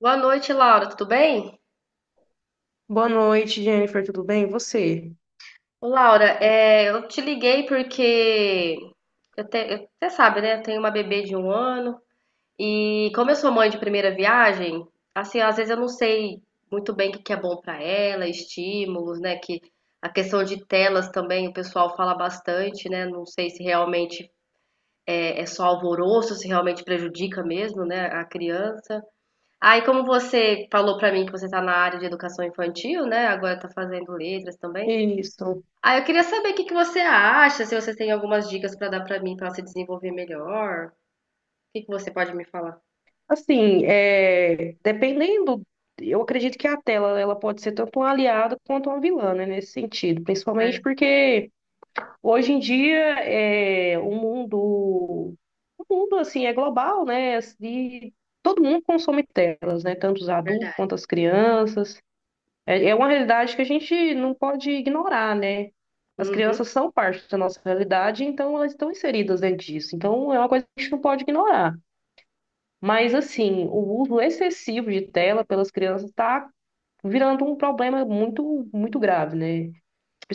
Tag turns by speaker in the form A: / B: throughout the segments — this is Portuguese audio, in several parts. A: Boa noite, Laura. Tudo bem?
B: Boa noite, Jennifer, tudo bem? E você?
A: Ô, Laura, eu te liguei porque você sabe, né? Eu tenho uma bebê de 1 ano e como eu sou mãe de primeira viagem, assim, às vezes eu não sei muito bem o que que é bom pra ela, estímulos, né? Que a questão de telas também o pessoal fala bastante, né? Não sei se realmente é só alvoroço, se realmente prejudica mesmo, né? A criança. Aí, como você falou pra mim que você tá na área de educação infantil, né? Agora tá fazendo letras também.
B: Isso.
A: Ah, eu queria saber o que que você acha, se você tem algumas dicas para dar para mim para se desenvolver melhor. O que que você pode me falar?
B: Assim, dependendo, eu acredito que a tela ela pode ser tanto um aliado quanto uma vilã, né, nesse sentido,
A: Ah, é
B: principalmente porque hoje em dia é, o mundo, o mundo assim é global, né? E todo mundo consome telas, né? Tanto os adultos
A: verdade.
B: quanto as crianças. É, é uma realidade que a gente não pode ignorar, né? As
A: Uhum.
B: crianças são parte da nossa realidade, então elas estão inseridas dentro disso. Então é uma coisa que a gente não pode ignorar. Mas, assim, o uso excessivo de tela pelas crianças está virando um problema muito, muito grave, né?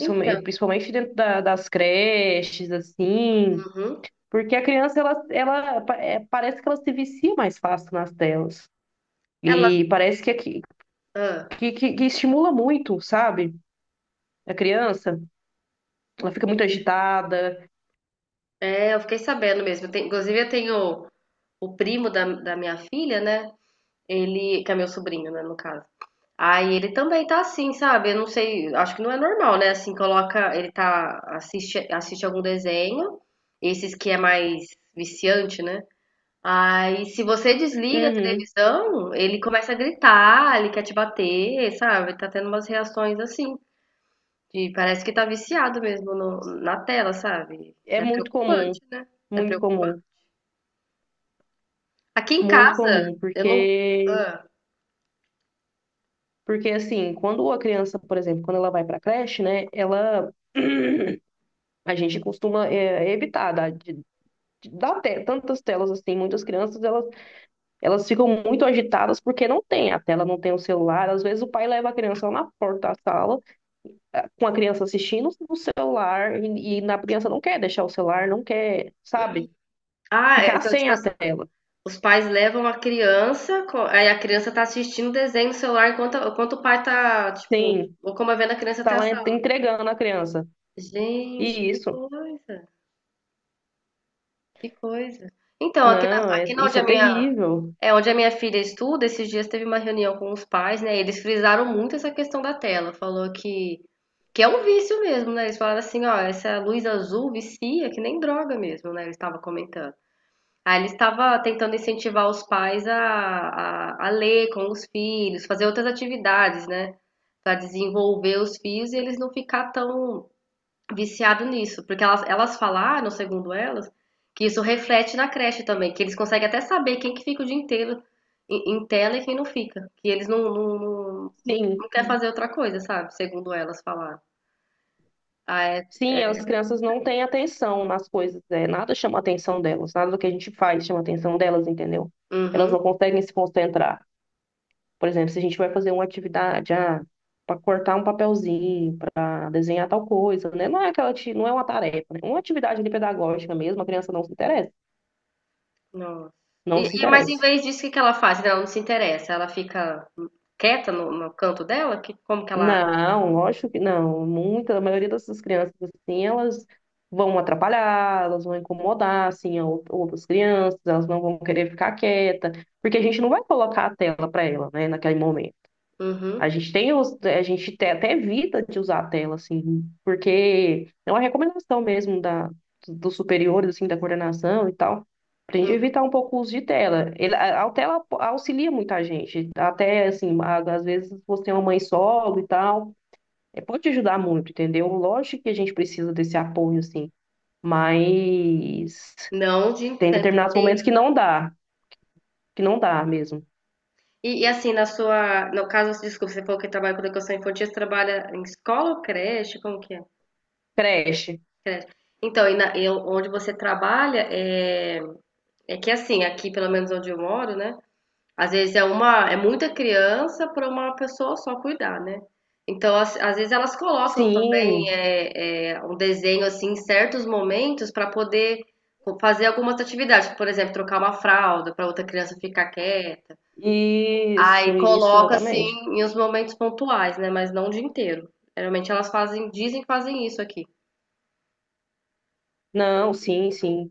A: Então,
B: principalmente dentro das creches, assim,
A: uhum.
B: porque a criança, ela, parece que ela se vicia mais fácil nas telas.
A: Elas,
B: E parece que, que,
A: ah,
B: que que estimula muito, sabe? A criança. Ela fica muito agitada.
A: é, eu fiquei sabendo mesmo. Inclusive, eu tenho o primo da minha filha, né? Ele, que é meu sobrinho, né, no caso. Aí ele também tá assim, sabe? Eu não sei, acho que não é normal, né? Assim, coloca, ele tá, assiste algum desenho, esses que é mais viciante, né? Aí, se você desliga a
B: Uhum.
A: televisão, ele começa a gritar, ele quer te bater, sabe? Tá tendo umas reações assim, de parece que tá viciado mesmo na tela, sabe?
B: É
A: É
B: muito comum,
A: preocupante, né? É
B: muito comum,
A: preocupante. Aqui em
B: muito
A: casa,
B: comum,
A: eu não.
B: porque
A: Ah,
B: porque assim, quando a criança, por exemplo, quando ela vai para a creche, né, ela a gente costuma evitar dar, de dar tantas telas assim, muitas crianças elas ficam muito agitadas porque não tem a tela, não tem o celular. Às vezes o pai leva a criança lá na porta da sala, com a criança assistindo no celular e na criança não quer deixar o celular, não quer, sabe,
A: Ah, é,
B: ficar
A: então,
B: sem
A: tipo,
B: a tela.
A: os pais levam a criança, aí a criança tá assistindo desenho no celular enquanto o pai tá, tipo,
B: Sim.
A: locomovendo a criança
B: Tá
A: até a
B: lá
A: sala.
B: entregando a criança.
A: Gente,
B: E
A: que
B: isso,
A: coisa, que coisa. Então, aqui na,
B: não, é,
A: aqui na
B: isso é terrível.
A: Onde a minha filha estuda, esses dias teve uma reunião com os pais, né? Eles frisaram muito essa questão da tela. Falou que é um vício mesmo, né? Eles falaram assim, ó, essa luz azul vicia, que nem droga mesmo, né? Ele estava comentando. Aí ele estava tentando incentivar os pais a ler com os filhos, fazer outras atividades, né? Para desenvolver os filhos e eles não ficar tão viciado nisso, porque elas falaram, segundo elas, que isso reflete na creche também, que eles conseguem até saber quem que fica o dia inteiro em tela e quem não fica, que eles não, não, não, não
B: Sim,
A: não quer fazer outra coisa, sabe? Segundo elas falaram. Ah, é?
B: sim, as crianças não têm atenção nas coisas, é, nada chama a atenção delas, nada do que a gente faz chama a atenção delas, entendeu? Elas
A: Uhum.
B: não conseguem se concentrar. Por exemplo, se a gente vai fazer uma atividade, ah, para cortar um papelzinho, para desenhar tal coisa, né? Não é aquela, não é uma tarefa, né? Uma atividade ali pedagógica mesmo, a criança não se interessa,
A: Nossa.
B: não se
A: Mas em
B: interessa.
A: vez disso, o que que ela faz? Ela não se interessa, ela fica quieta no canto dela? Que, como que ela age?
B: Não, lógico que não. Muita, a maioria dessas crianças, assim, elas vão atrapalhar, elas vão incomodar, assim, a outras crianças, elas não vão querer ficar quieta, porque a gente não vai colocar a tela para ela, né, naquele momento. A
A: Uhum.
B: gente tem, a gente até evita de usar a tela, assim, porque é uma recomendação mesmo da, dos superiores, assim, da coordenação e tal, pra gente
A: Uhum.
B: evitar um pouco o uso de tela. Ele, a tela auxilia muita gente, até, assim, às vezes você é uma mãe solo e tal, é, pode ajudar muito, entendeu? Lógico que a gente precisa desse apoio, assim, mas
A: Não, o dia
B: tem
A: inteiro.
B: determinados momentos que não dá mesmo.
A: E assim, no caso, desculpa, você falou que trabalha com educação infantil, você trabalha em escola ou creche? Como que é?
B: Creche.
A: Creche. Então, e onde você trabalha é que assim, aqui pelo menos onde eu moro, né? Às vezes é muita criança para uma pessoa só cuidar, né? Então, às vezes elas colocam também
B: Sim,
A: um desenho assim em certos momentos para poder fazer algumas atividades, por exemplo, trocar uma fralda para outra criança ficar quieta. Aí
B: isso,
A: coloca assim
B: exatamente.
A: em uns momentos pontuais, né? Mas não o dia inteiro. Geralmente elas fazem, dizem que fazem isso aqui.
B: Não, sim, sim.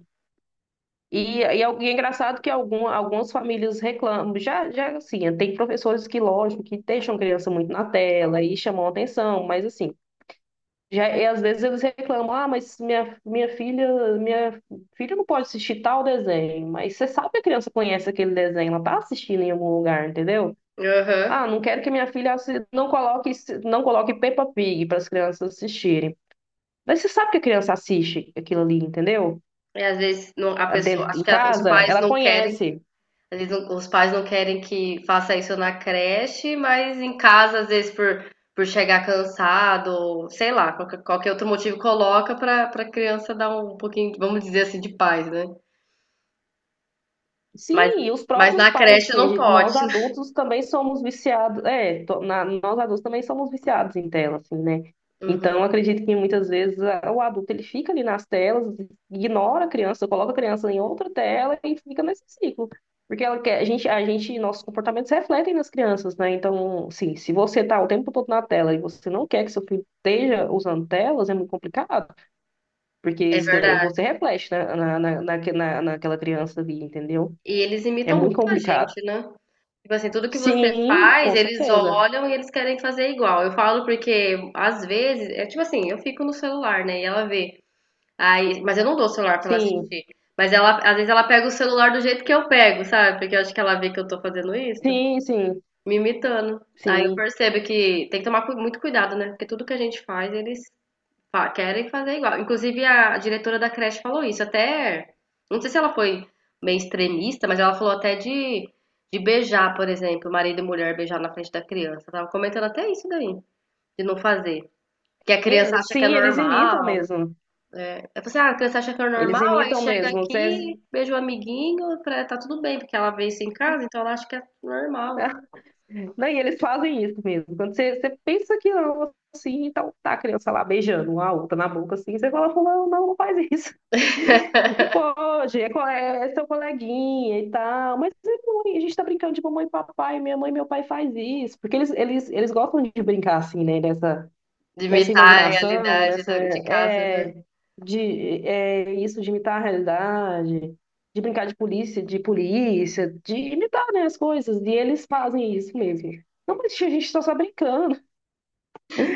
B: É e é engraçado que algum, algumas famílias reclamam. Já, já, assim, tem professores que, lógico, que deixam criança muito na tela e chamam a atenção, mas, assim, já, e às vezes eles reclamam, ah, mas minha, minha filha não pode assistir tal desenho, mas você sabe que a criança conhece aquele desenho, ela tá assistindo em algum lugar, entendeu?
A: Aham.
B: Ah, não quero que minha filha não coloque, não coloque Peppa Pig para as crianças assistirem. Mas você sabe que a criança assiste aquilo ali, entendeu?
A: E às vezes a pessoa,
B: Dentro
A: acho
B: em
A: que os
B: casa,
A: pais
B: ela
A: não querem,
B: conhece.
A: às vezes os pais não querem que faça isso na creche, mas em casa, às vezes por chegar cansado, ou sei lá, qualquer outro motivo coloca pra para criança dar um pouquinho, vamos dizer assim, de paz, né? Mas,
B: Sim, e os
A: mas
B: próprios
A: na
B: pais,
A: creche
B: assim,
A: não pode.
B: nós adultos também somos viciados, nós adultos também somos viciados em tela, assim, né?
A: Uhum,
B: Então, eu acredito que muitas vezes o adulto ele fica ali nas telas, ignora a criança, coloca a criança em outra tela e fica nesse ciclo. Porque ela quer, a gente, nossos comportamentos refletem nas crianças, né? Então, sim, se você tá o tempo todo na tela e você não quer que seu filho esteja usando telas, é muito complicado, porque
A: é
B: você,
A: verdade.
B: você reflete, né, naquela criança ali, entendeu?
A: E eles
B: É
A: imitam
B: muito
A: muito a
B: complicado.
A: gente, né? Tipo assim, tudo que você
B: Sim,
A: faz,
B: com
A: eles
B: certeza.
A: olham e eles querem fazer igual. Eu falo porque, às vezes, é tipo assim, eu fico no celular, né? E ela vê. Aí, mas eu não dou o celular pra ela
B: Sim,
A: assistir. Mas ela, às vezes, ela pega o celular do jeito que eu pego, sabe? Porque eu acho que ela vê que eu tô fazendo isso,
B: sim, sim,
A: me imitando. Aí eu
B: sim.
A: percebo que tem que tomar muito cuidado, né? Porque tudo que a gente faz, eles Fa querem fazer igual. Inclusive, a diretora da creche falou isso. Até, não sei se ela foi meio extremista, mas ela falou até de beijar, por exemplo, marido e mulher beijar na frente da criança. Tava comentando até isso daí, de não fazer. Que a
B: E
A: criança
B: eles,
A: acha que é
B: sim, eles imitam
A: normal.
B: mesmo.
A: É assim, ah, a criança acha que é
B: Eles
A: normal, aí
B: imitam
A: chega
B: mesmo. Você,
A: aqui, beija o amiguinho, tá tudo bem, porque ela vê isso em casa, então ela acha que é normal.
B: não, e eles fazem isso mesmo. Quando você, você pensa que não, assim, então tá a criança lá beijando uma outra na boca, assim, você fala, não, não, não faz isso. Não pode, é é seu coleguinha e tal. Mas é mãe, a gente tá brincando de mamãe e papai, minha mãe e meu pai faz isso. Porque eles gostam de brincar assim, né, dessa
A: De
B: nessa
A: imitar a
B: imaginação,
A: realidade
B: nessa
A: de casa, né?
B: é, de é, isso de imitar a realidade, de brincar de polícia, de polícia, de imitar, né, as coisas. E eles fazem isso mesmo. Não, mas tia, a gente tá só brincando.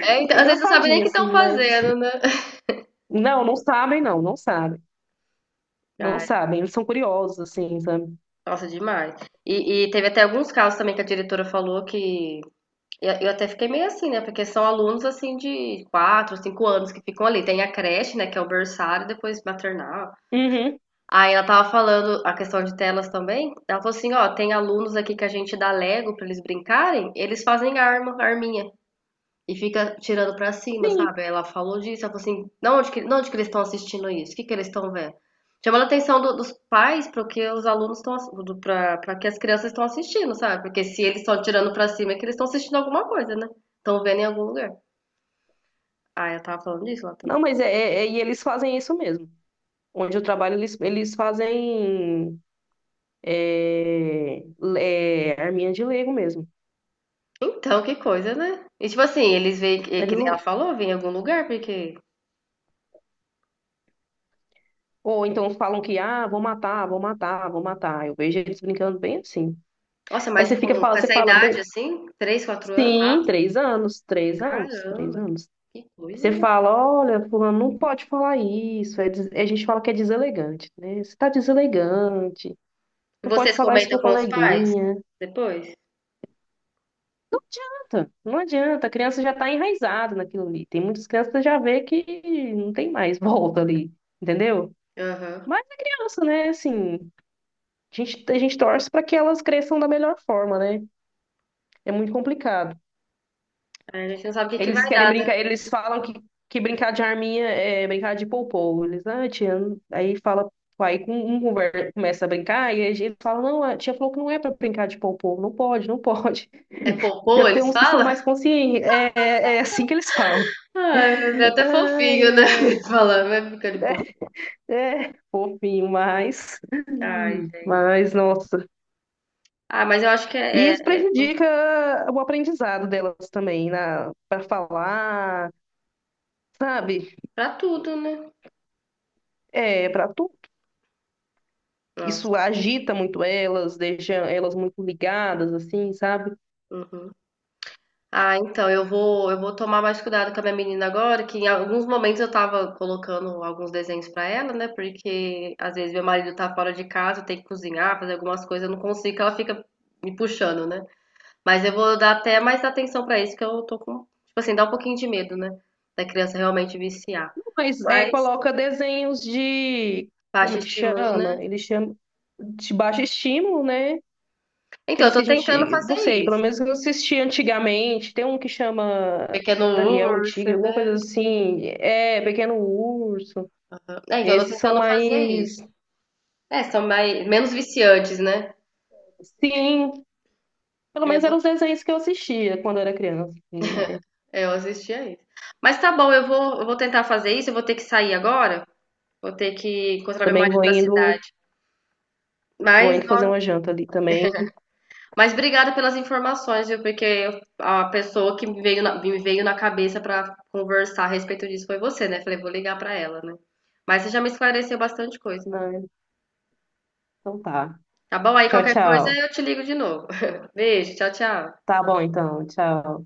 A: É, então,
B: É
A: às vezes você não sabe nem o
B: engraçadinho,
A: que estão
B: assim, mas...
A: fazendo, né?
B: Não, não sabem, não. Não sabem. Não
A: Ai,
B: sabem. Eles são curiosos, assim, sabe?
A: nossa, demais. E teve até alguns casos também que a diretora falou que eu até fiquei meio assim, né? Porque são alunos assim de 4, 5 anos que ficam ali. Tem a creche, né? Que é o berçário, depois maternal.
B: Uhum,
A: Aí ela tava falando a questão de telas também. Ela falou assim, ó, tem alunos aqui que a gente dá Lego pra eles brincarem, eles fazem arma, arminha. E fica tirando pra cima,
B: sim.
A: sabe? Ela falou disso, ela falou assim, não, onde que, não, onde que eles estão assistindo isso? O que que eles estão vendo? Chamando a atenção dos pais para que os alunos estão, ass- do- pra para que as crianças estão assistindo, sabe? Porque se eles estão tirando pra cima é que eles estão assistindo alguma coisa, né? Estão vendo em algum lugar. Ah, eu tava falando disso lá também.
B: Não, mas e eles fazem isso mesmo. Onde eu trabalho, eles fazem é, arminha de Lego mesmo.
A: Então, que coisa, né? E tipo assim, eles veem, que nem
B: Eles,
A: ela falou, vêm em algum lugar, porque...
B: Ou então falam que, ah, vou matar, vou matar, vou matar. Eu vejo eles brincando bem assim.
A: Nossa,
B: Aí
A: mas
B: você
A: com,
B: fica,
A: com
B: fala- você
A: essa
B: fala,
A: idade assim, 3, 4 anos,
B: sim, três anos, três anos, três
A: caramba,
B: anos.
A: que coisa,
B: Você
A: né?
B: fala, olha, fulano, não pode falar isso. A gente fala que é deselegante, né? Você tá deselegante,
A: E
B: não pode
A: vocês
B: falar isso
A: comentam
B: pro
A: com os pais
B: coleguinha.
A: depois?
B: Não adianta, não adianta, a criança já está enraizada naquilo ali. Tem muitas crianças que já vê que não tem mais volta ali, entendeu?
A: Aham.
B: Mas é criança, né? Assim, a gente, a gente torce para que elas cresçam da melhor forma, né? É muito complicado.
A: É, a gente não sabe o que que vai
B: Eles querem
A: dar, né?
B: brincar, eles falam que brincar de arminha é brincar de poupou. Eles, ah, tia, não-" aí fala, aí com- um conver- começa a brincar e aí eles falam, não, a tia falou que não é para brincar de poupou, não pode, não pode.
A: É popô,
B: Já tem
A: eles
B: uns que são
A: falam?
B: mais conscientes, é assim que eles falam.
A: Ai, é até
B: Ai,
A: fofinho, né?
B: ai,
A: Eles falando, vai ficando popô.
B: é fofinho,
A: Ai, gente.
B: mas, nossa.
A: Ah, mas eu acho que
B: E
A: é,
B: isso
A: é, é muito
B: prejudica o aprendizado delas também, na, para falar, sabe?
A: pra tudo, né?
B: É, para tu,
A: Nossa.
B: isso agita muito elas, deixa elas muito ligadas, assim, sabe?
A: Uhum. Ah, então, eu vou tomar mais cuidado com a minha menina agora, que em alguns momentos eu tava colocando alguns desenhos pra ela, né? Porque às vezes meu marido tá fora de casa, tem que cozinhar, fazer algumas coisas, eu não consigo, que ela fica me puxando, né? Mas eu vou dar até mais atenção pra isso, que eu tô com, tipo assim, dá um pouquinho de medo, né, da criança realmente viciar.
B: Não, mas é,
A: Mas
B: coloca desenhos de, como
A: baixa
B: é que
A: estímulo, né?
B: chama? Eles chamam de baixo estímulo, né?
A: Então, eu
B: Aqueles que
A: tô
B: a
A: tentando
B: gente,
A: fazer
B: não sei, pelo
A: isso.
B: menos eu assisti antigamente. Tem um que chama
A: Pequeno
B: Daniel o
A: urso,
B: Tigre, alguma coisa
A: né?
B: assim. É, Pequeno Urso.
A: É, então, eu tô
B: Esses são
A: tentando fazer
B: mais...
A: isso. É, são mais, menos viciantes, né?
B: Sim, pelo
A: É,
B: menos eram os desenhos que eu assistia quando era criança, assim, né?
A: eu assistia isso. Mas tá bom, eu vou tentar fazer isso. Eu vou ter que sair agora. Vou ter que encontrar meu
B: Também
A: marido na cidade.
B: vou
A: Mas,
B: indo fazer
A: nó-
B: uma janta ali também,
A: Mas obrigada pelas informações, viu? Porque a pessoa que me veio na cabeça para conversar a respeito disso foi você, né? Falei, vou ligar para ela, né? Mas você já me esclareceu bastante coisa.
B: né? Então tá.
A: Tá bom? Aí
B: Tchau,
A: qualquer coisa
B: tchau.
A: eu te ligo de novo. Beijo, tchau, tchau.
B: Tá bom, então. Tchau.